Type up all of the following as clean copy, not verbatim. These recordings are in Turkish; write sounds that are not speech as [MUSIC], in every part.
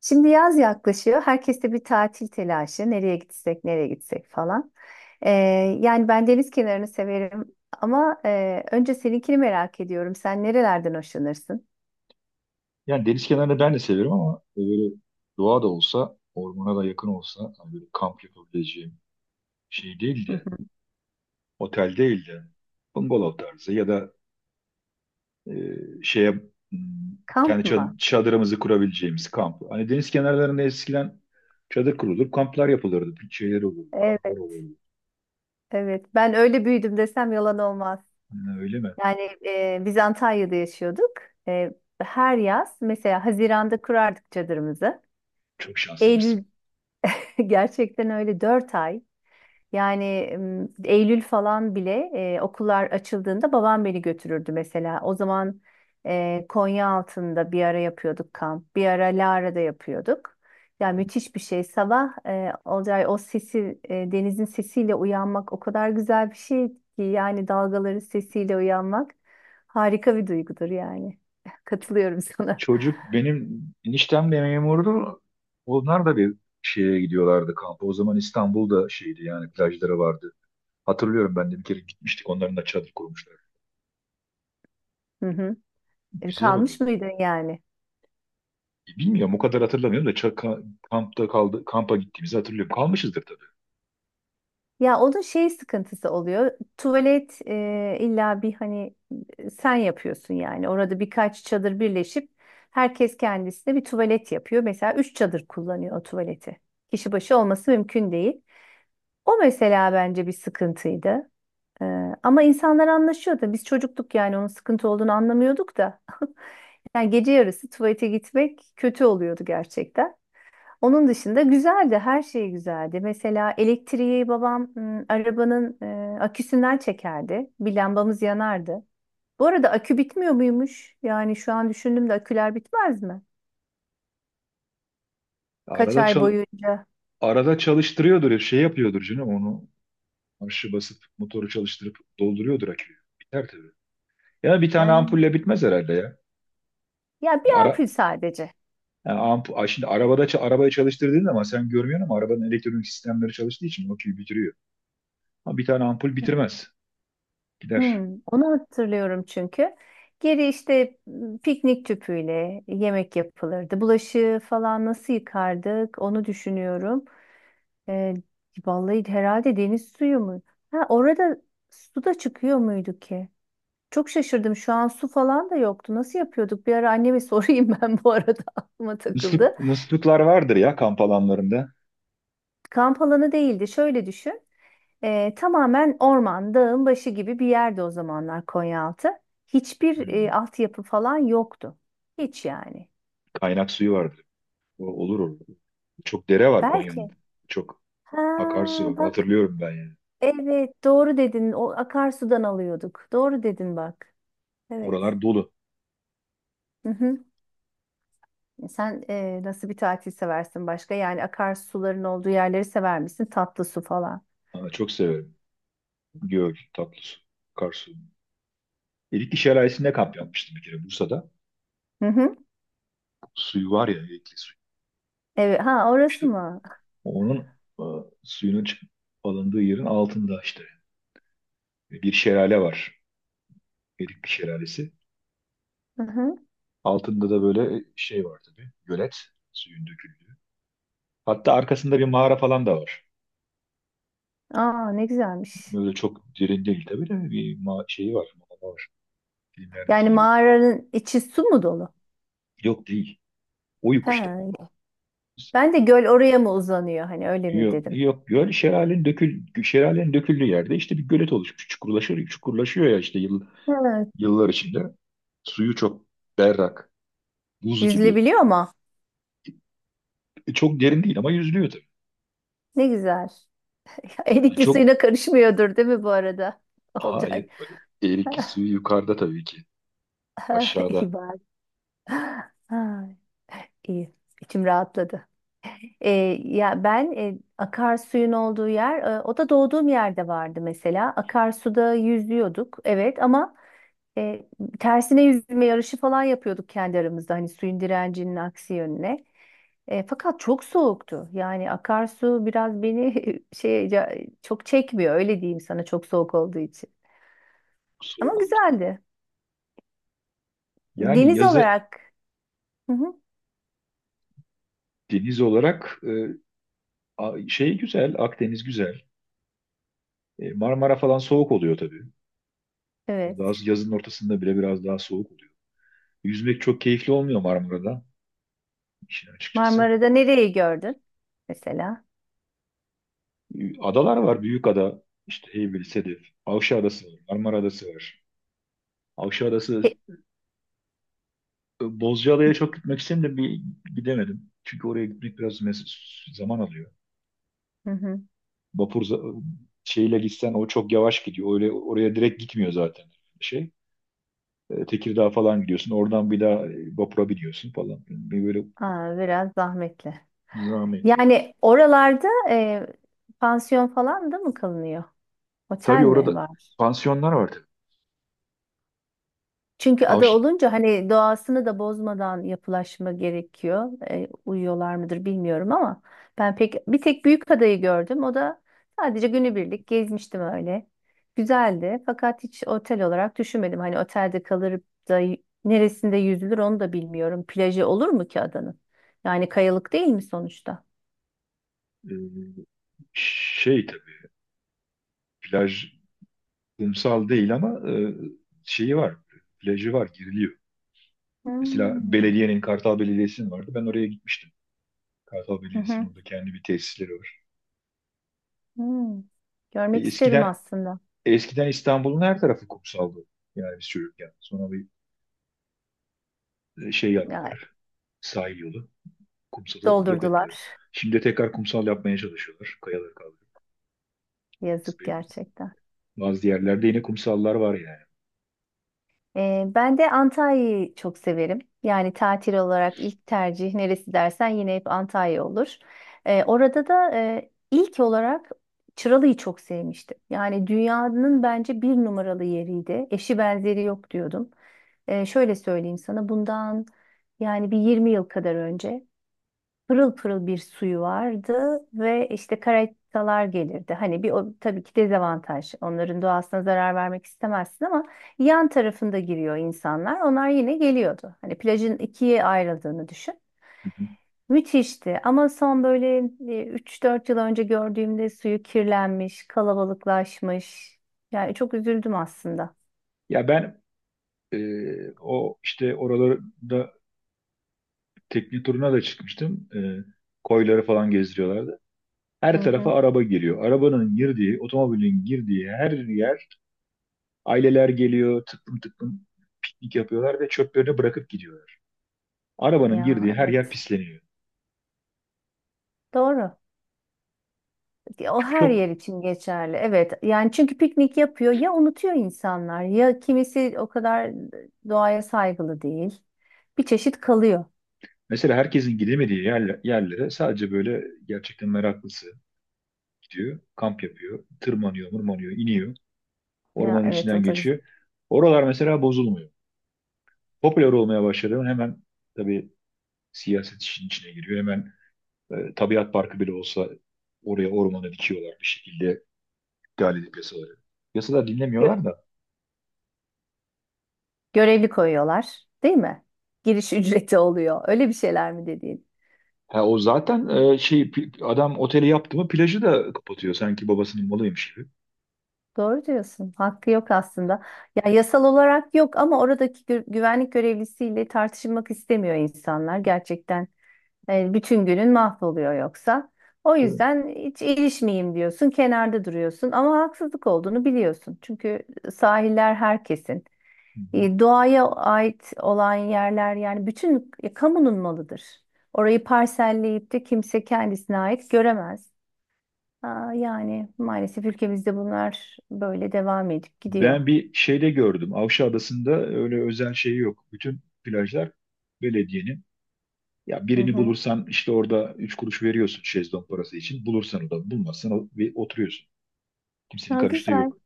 Şimdi yaz yaklaşıyor. Herkeste bir tatil telaşı. Nereye gitsek, nereye gitsek falan. Ee, yani ben deniz kenarını severim ama önce seninkini merak ediyorum. Sen nerelerden hoşlanırsın? Yani deniz kenarını ben de severim ama böyle doğa da olsa, ormana da yakın olsa hani böyle kamp yapabileceğim şey değil Hı de, hı. otel değil de bungalov tarzı ya da e, şeye hmm, kendi Kamp mı? Çadırımızı kurabileceğimiz kamp. Hani deniz kenarlarında eskiden çadır kurulur, kamplar yapılırdı, bir şeyler olurdu, kamplar Evet, olurdu. evet. Ben öyle büyüdüm desem yalan olmaz. Yani öyle mi? Yani biz Antalya'da yaşıyorduk. E, her yaz mesela Haziran'da kurardık çadırımızı. Çok şanslıymışsın. Eylül [LAUGHS] gerçekten öyle 4 ay. Yani Eylül falan bile okullar açıldığında babam beni götürürdü mesela. O zaman Konya altında bir ara yapıyorduk kamp, bir ara Lara'da yapıyorduk. Ya müthiş bir şey. Sabah Olcay o sesi, denizin sesiyle uyanmak o kadar güzel bir şey ki yani dalgaların sesiyle uyanmak harika bir duygudur yani. [LAUGHS] Katılıyorum sana. Çocuk benim eniştem de memurdu. Onlar da bir şeye gidiyorlardı kampa. O zaman İstanbul'da şeydi yani plajları vardı. Hatırlıyorum ben de bir kere gitmiştik. Onların da çadır kurmuşlar. Hı hı. E, Güzel oluyor. Kalmış mıydın yani? Bilmiyorum o kadar hatırlamıyorum da kampta kaldı kampa gittiğimizi hatırlıyorum. Kalmışızdır tabii. Ya onun şey sıkıntısı oluyor. Tuvalet illa bir hani sen yapıyorsun yani. Orada birkaç çadır birleşip herkes kendisine bir tuvalet yapıyor. Mesela üç çadır kullanıyor o tuvaleti. Kişi başı olması mümkün değil. O mesela bence bir sıkıntıydı. E, ama insanlar anlaşıyordu. Biz çocuktuk yani onun sıkıntı olduğunu anlamıyorduk da. [LAUGHS] Yani gece yarısı tuvalete gitmek kötü oluyordu gerçekten. Onun dışında güzeldi, her şey güzeldi. Mesela elektriği babam arabanın aküsünden çekerdi. Bir lambamız yanardı. Bu arada akü bitmiyor muymuş? Yani şu an düşündüm de aküler bitmez mi? Kaç Arada ay çal boyunca? Arada çalıştırıyordur ya, şey yapıyordur canım onu, marşı basıp motoru çalıştırıp dolduruyordur aküyü. Biter tabii. Ya bir tane Ha. ampulle bitmez herhalde ya. Ya bir Ara ampul sadece. yani ay, şimdi arabada arabayı çalıştırdığın zaman sen görmüyorsun ama arabanın elektronik sistemleri çalıştığı için aküyü bitiriyor. Ama bir tane ampul bitirmez. Gider. Onu hatırlıyorum çünkü. Geri işte piknik tüpüyle yemek yapılırdı. Bulaşığı falan nasıl yıkardık onu düşünüyorum. Ee, vallahi herhalde deniz suyu mu? Ha, orada su da çıkıyor muydu ki? Çok şaşırdım. Şu an su falan da yoktu. Nasıl yapıyorduk? Bir ara anneme [LAUGHS] sorayım ben bu arada aklıma Musluk, takıldı. musluklar vardır ya kamp alanlarında. Kamp alanı değildi. Şöyle düşün. Tamamen orman, dağın başı gibi bir yerde o zamanlar Konyaaltı. Hiçbir altyapı falan yoktu. Hiç yani. Kaynak suyu vardı. O olur orada. Çok dere var Konya'nın. Belki. Çok Ha akarsu var. bak. Hatırlıyorum ben yani. Evet doğru dedin. O akarsudan alıyorduk. Doğru dedin bak. Evet. Oralar dolu. Hı. Sen nasıl bir tatil seversin başka? Yani akarsuların olduğu yerleri sever misin? Tatlı su falan. Ha, çok severim. Göl, tatlı su, akarsu. Erikli Şelalesi'nde kamp yapmıştım bir kere Bursa'da. Hı hı. Suyu var ya Erikli suyu. Evet. Ha İşte orası mı? onun e, suyunun alındığı yerin altında işte bir şelale var. Erikli Şelalesi. Hı hı. Altında da böyle şey var tabii. Gölet, suyun döküldüğü. Hatta arkasında bir mağara falan da var. Aa ne güzelmiş. Böyle çok derin değil tabii de bir ma şeyi var, mağara var, filmlerdeki Yani gibi. mağaranın içi su mu dolu? Yok değil. He. Oyuk işte. Ben de göl oraya mı uzanıyor? Hani öyle mi Yok, dedim. yok göl, şelalenin döküldüğü yerde işte bir gölet oluşmuş. Çukurlaşıyor, çukurlaşıyor ya işte Evet. yıllar içinde. Suyu çok berrak, buz gibi. Yüzülebiliyor mu? Çok derin değil ama yüzülüyor tabii. Ne güzel. [LAUGHS] Ha, Erikli çok suyuna karışmıyordur değil mi bu arada? [LAUGHS] Olcay. hayır. Eriki suyu yukarıda tabii ki. [LAUGHS] Aşağıda İyi bari. Ha, iyi. İçim rahatladı. E, ya ben akarsuyun olduğu yer, o da doğduğum yerde vardı mesela. Akarsuda yüzüyorduk, evet ama e, tersine yüzme yarışı falan yapıyorduk kendi aramızda, hani suyun direncinin aksi yönüne. Fakat çok soğuktu. Yani akarsu biraz beni [LAUGHS] çok çekmiyor, öyle diyeyim sana çok soğuk olduğu için. Ama soğuk olur. güzeldi. Yani Deniz yazı olarak, hı hı, deniz olarak, şey güzel, Akdeniz güzel. Marmara falan soğuk oluyor tabii. evet. Daha yazın ortasında bile biraz daha soğuk. Yüzmek çok keyifli olmuyor Marmara'da, işin açıkçası. Marmara'da nereyi gördün mesela? Adalar var. Büyük ada. İşte Heybeli, Sedef. Avşa Adası var. Marmara Adası var. Avşa He- Adası Bozcaada'ya çok gitmek istedim de bir gidemedim. Çünkü oraya gitmek biraz zaman alıyor. Hı hı. Vapur za- şeyle gitsen o çok yavaş gidiyor. Öyle oraya direkt gitmiyor zaten şey. Tekirdağ falan gidiyorsun. Oradan bir daha vapura biniyorsun falan. Bir böyle Aa, biraz zahmetli. zahmetli ya. Yani oralarda pansiyon falan da mı kalınıyor? Otel Tabii orada mi var? pansiyonlar var tabii. Çünkü ada Avş- olunca hani doğasını da bozmadan yapılaşma gerekiyor. Uyuyorlar mıdır bilmiyorum ama ben pek bir tek büyük adayı gördüm. O da sadece günübirlik gezmiştim öyle. Güzeldi fakat hiç otel olarak düşünmedim. Hani otelde kalır da neresinde yüzülür onu da bilmiyorum. Plajı olur mu ki adanın? Yani kayalık değil mi sonuçta? e, şey tabii plaj, kumsal değil ama, şeyi var, plajı var, giriliyor. Mesela Hmm. belediyenin, Kartal Belediyesi'nin vardı. Ben oraya gitmiştim. Kartal Hı Belediyesi'nin hı. orada kendi bir tesisleri var. Hmm, E, Görmek isterim eskiden aslında. eskiden İstanbul'un her tarafı kumsaldı. Yani biz çocukken. Sonra bir şey Ya, yaptılar. Sahil yolu. Kumsalı yok ettiler. doldurdular. Şimdi tekrar kumsal yapmaya çalışıyorlar, kayaları kaldırıp. Yazık Bazı, gerçekten. bazı yerlerde yine kumsallar var yani. Ben de Antalya'yı çok severim. Yani tatil olarak ilk tercih neresi dersen yine hep Antalya olur. Orada da ilk olarak Çıralı'yı çok sevmiştim. Yani dünyanın bence bir numaralı yeriydi. Eşi benzeri yok diyordum. Şöyle söyleyeyim sana bundan yani bir 20 yıl kadar önce. Pırıl pırıl bir suyu vardı ve işte karatalar gelirdi. Hani bir o tabii ki dezavantaj. Onların doğasına zarar vermek istemezsin ama yan tarafında giriyor insanlar. Onlar yine geliyordu. Hani plajın ikiye ayrıldığını düşün. Hı hı. Müthişti ama son böyle 3-4 yıl önce gördüğümde suyu kirlenmiş, kalabalıklaşmış. Yani çok üzüldüm aslında. Ya ben o işte oralarda tekne turuna da çıkmıştım. Koyları falan gezdiriyorlardı. Her Hı hı. tarafa araba geliyor. Arabanın girdiği, otomobilin girdiği her yer aileler geliyor, tıklım tıklım piknik yapıyorlar ve çöplerini bırakıp gidiyorlar. Arabanın Ya girdiği her yer evet. pisleniyor. Doğru. Ya o her Çok yer için geçerli. Evet. Yani çünkü piknik yapıyor ya unutuyor insanlar ya kimisi o kadar doğaya saygılı değil. Bir çeşit kalıyor. mesela herkesin gidemediği yerlere sadece böyle gerçekten meraklısı gidiyor, kamp yapıyor, tırmanıyor, mırmanıyor, iniyor, Ya ormanın evet içinden o da geçiyor. Oralar mesela bozulmuyor. Popüler olmaya başladı mı, hemen tabii siyaset işin içine giriyor. Hemen tabiat parkı bile olsa oraya ormana dikiyorlar bir şekilde, iptal edip yasaları. Yasalar gö- dinlemiyorlar da. görevli koyuyorlar, değil mi? Giriş [LAUGHS] ücreti oluyor. Öyle bir şeyler mi dediğin? Ha, o zaten adam oteli yaptı mı plajı da kapatıyor, sanki babasının malıymış gibi. Doğru diyorsun. Hakkı yok aslında. Ya yasal olarak yok ama oradaki güvenlik görevlisiyle tartışmak istemiyor insanlar gerçekten. Bütün günün mahvoluyor yoksa. O Değil mi? yüzden hiç ilişmeyeyim diyorsun, kenarda duruyorsun ama haksızlık olduğunu biliyorsun. Çünkü sahiller herkesin. Hı hı. Doğaya ait olan yerler yani bütün kamunun malıdır. Orayı parselleyip de kimse kendisine ait göremez. Aa, yani maalesef ülkemizde bunlar böyle devam edip gidiyor. Ben bir şeyde gördüm. Avşa Adası'nda öyle özel şey yok. Bütün plajlar belediyenin. Ya Hı birini hı. bulursan işte orada 3 kuruş veriyorsun şezlong parası için. Bulursan, o da bulmazsan ve oturuyorsun. Kimsenin Ha, karıştığı güzel yok.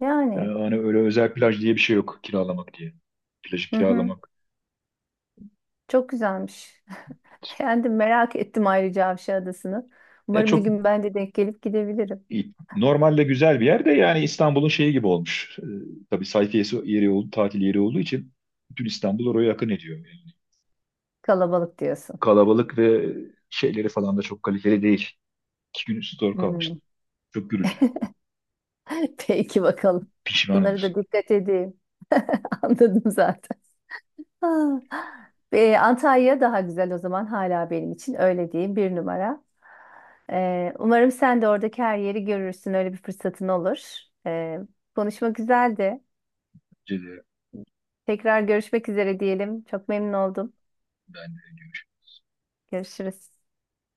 yani. Yani hani öyle özel plaj diye bir şey yok, kiralamak diye. Plajı Hı hı. kiralamak Çok güzelmiş. [LAUGHS] Beğendim. Merak ettim ayrıca Avşa Adası'nı. Ya Umarım bir çok gün ben de denk gelip gidebilirim. iyi. Normalde güzel bir yer de yani İstanbul'un şeyi gibi olmuş. Tabii sayfiyesi yeri oldu, tatil yeri olduğu için bütün İstanbul oraya yakın ediyor. Yani Kalabalık diyorsun. kalabalık ve şeyleri falan da çok kaliteli değil. İki gün üstü doğru kalmıştı. Hmm. Çok gürültülü. [LAUGHS] Peki bakalım. Pişmanım. Bunları da dikkat edeyim. [LAUGHS] Anladım zaten. Ha. Antalya daha güzel o zaman hala benim için öyle diyeyim bir numara. Umarım sen de oradaki her yeri görürsün. Öyle bir fırsatın olur. Ee, konuşma güzeldi. Önce de Tekrar görüşmek üzere diyelim. Çok memnun oldum. ben de Görüşürüz.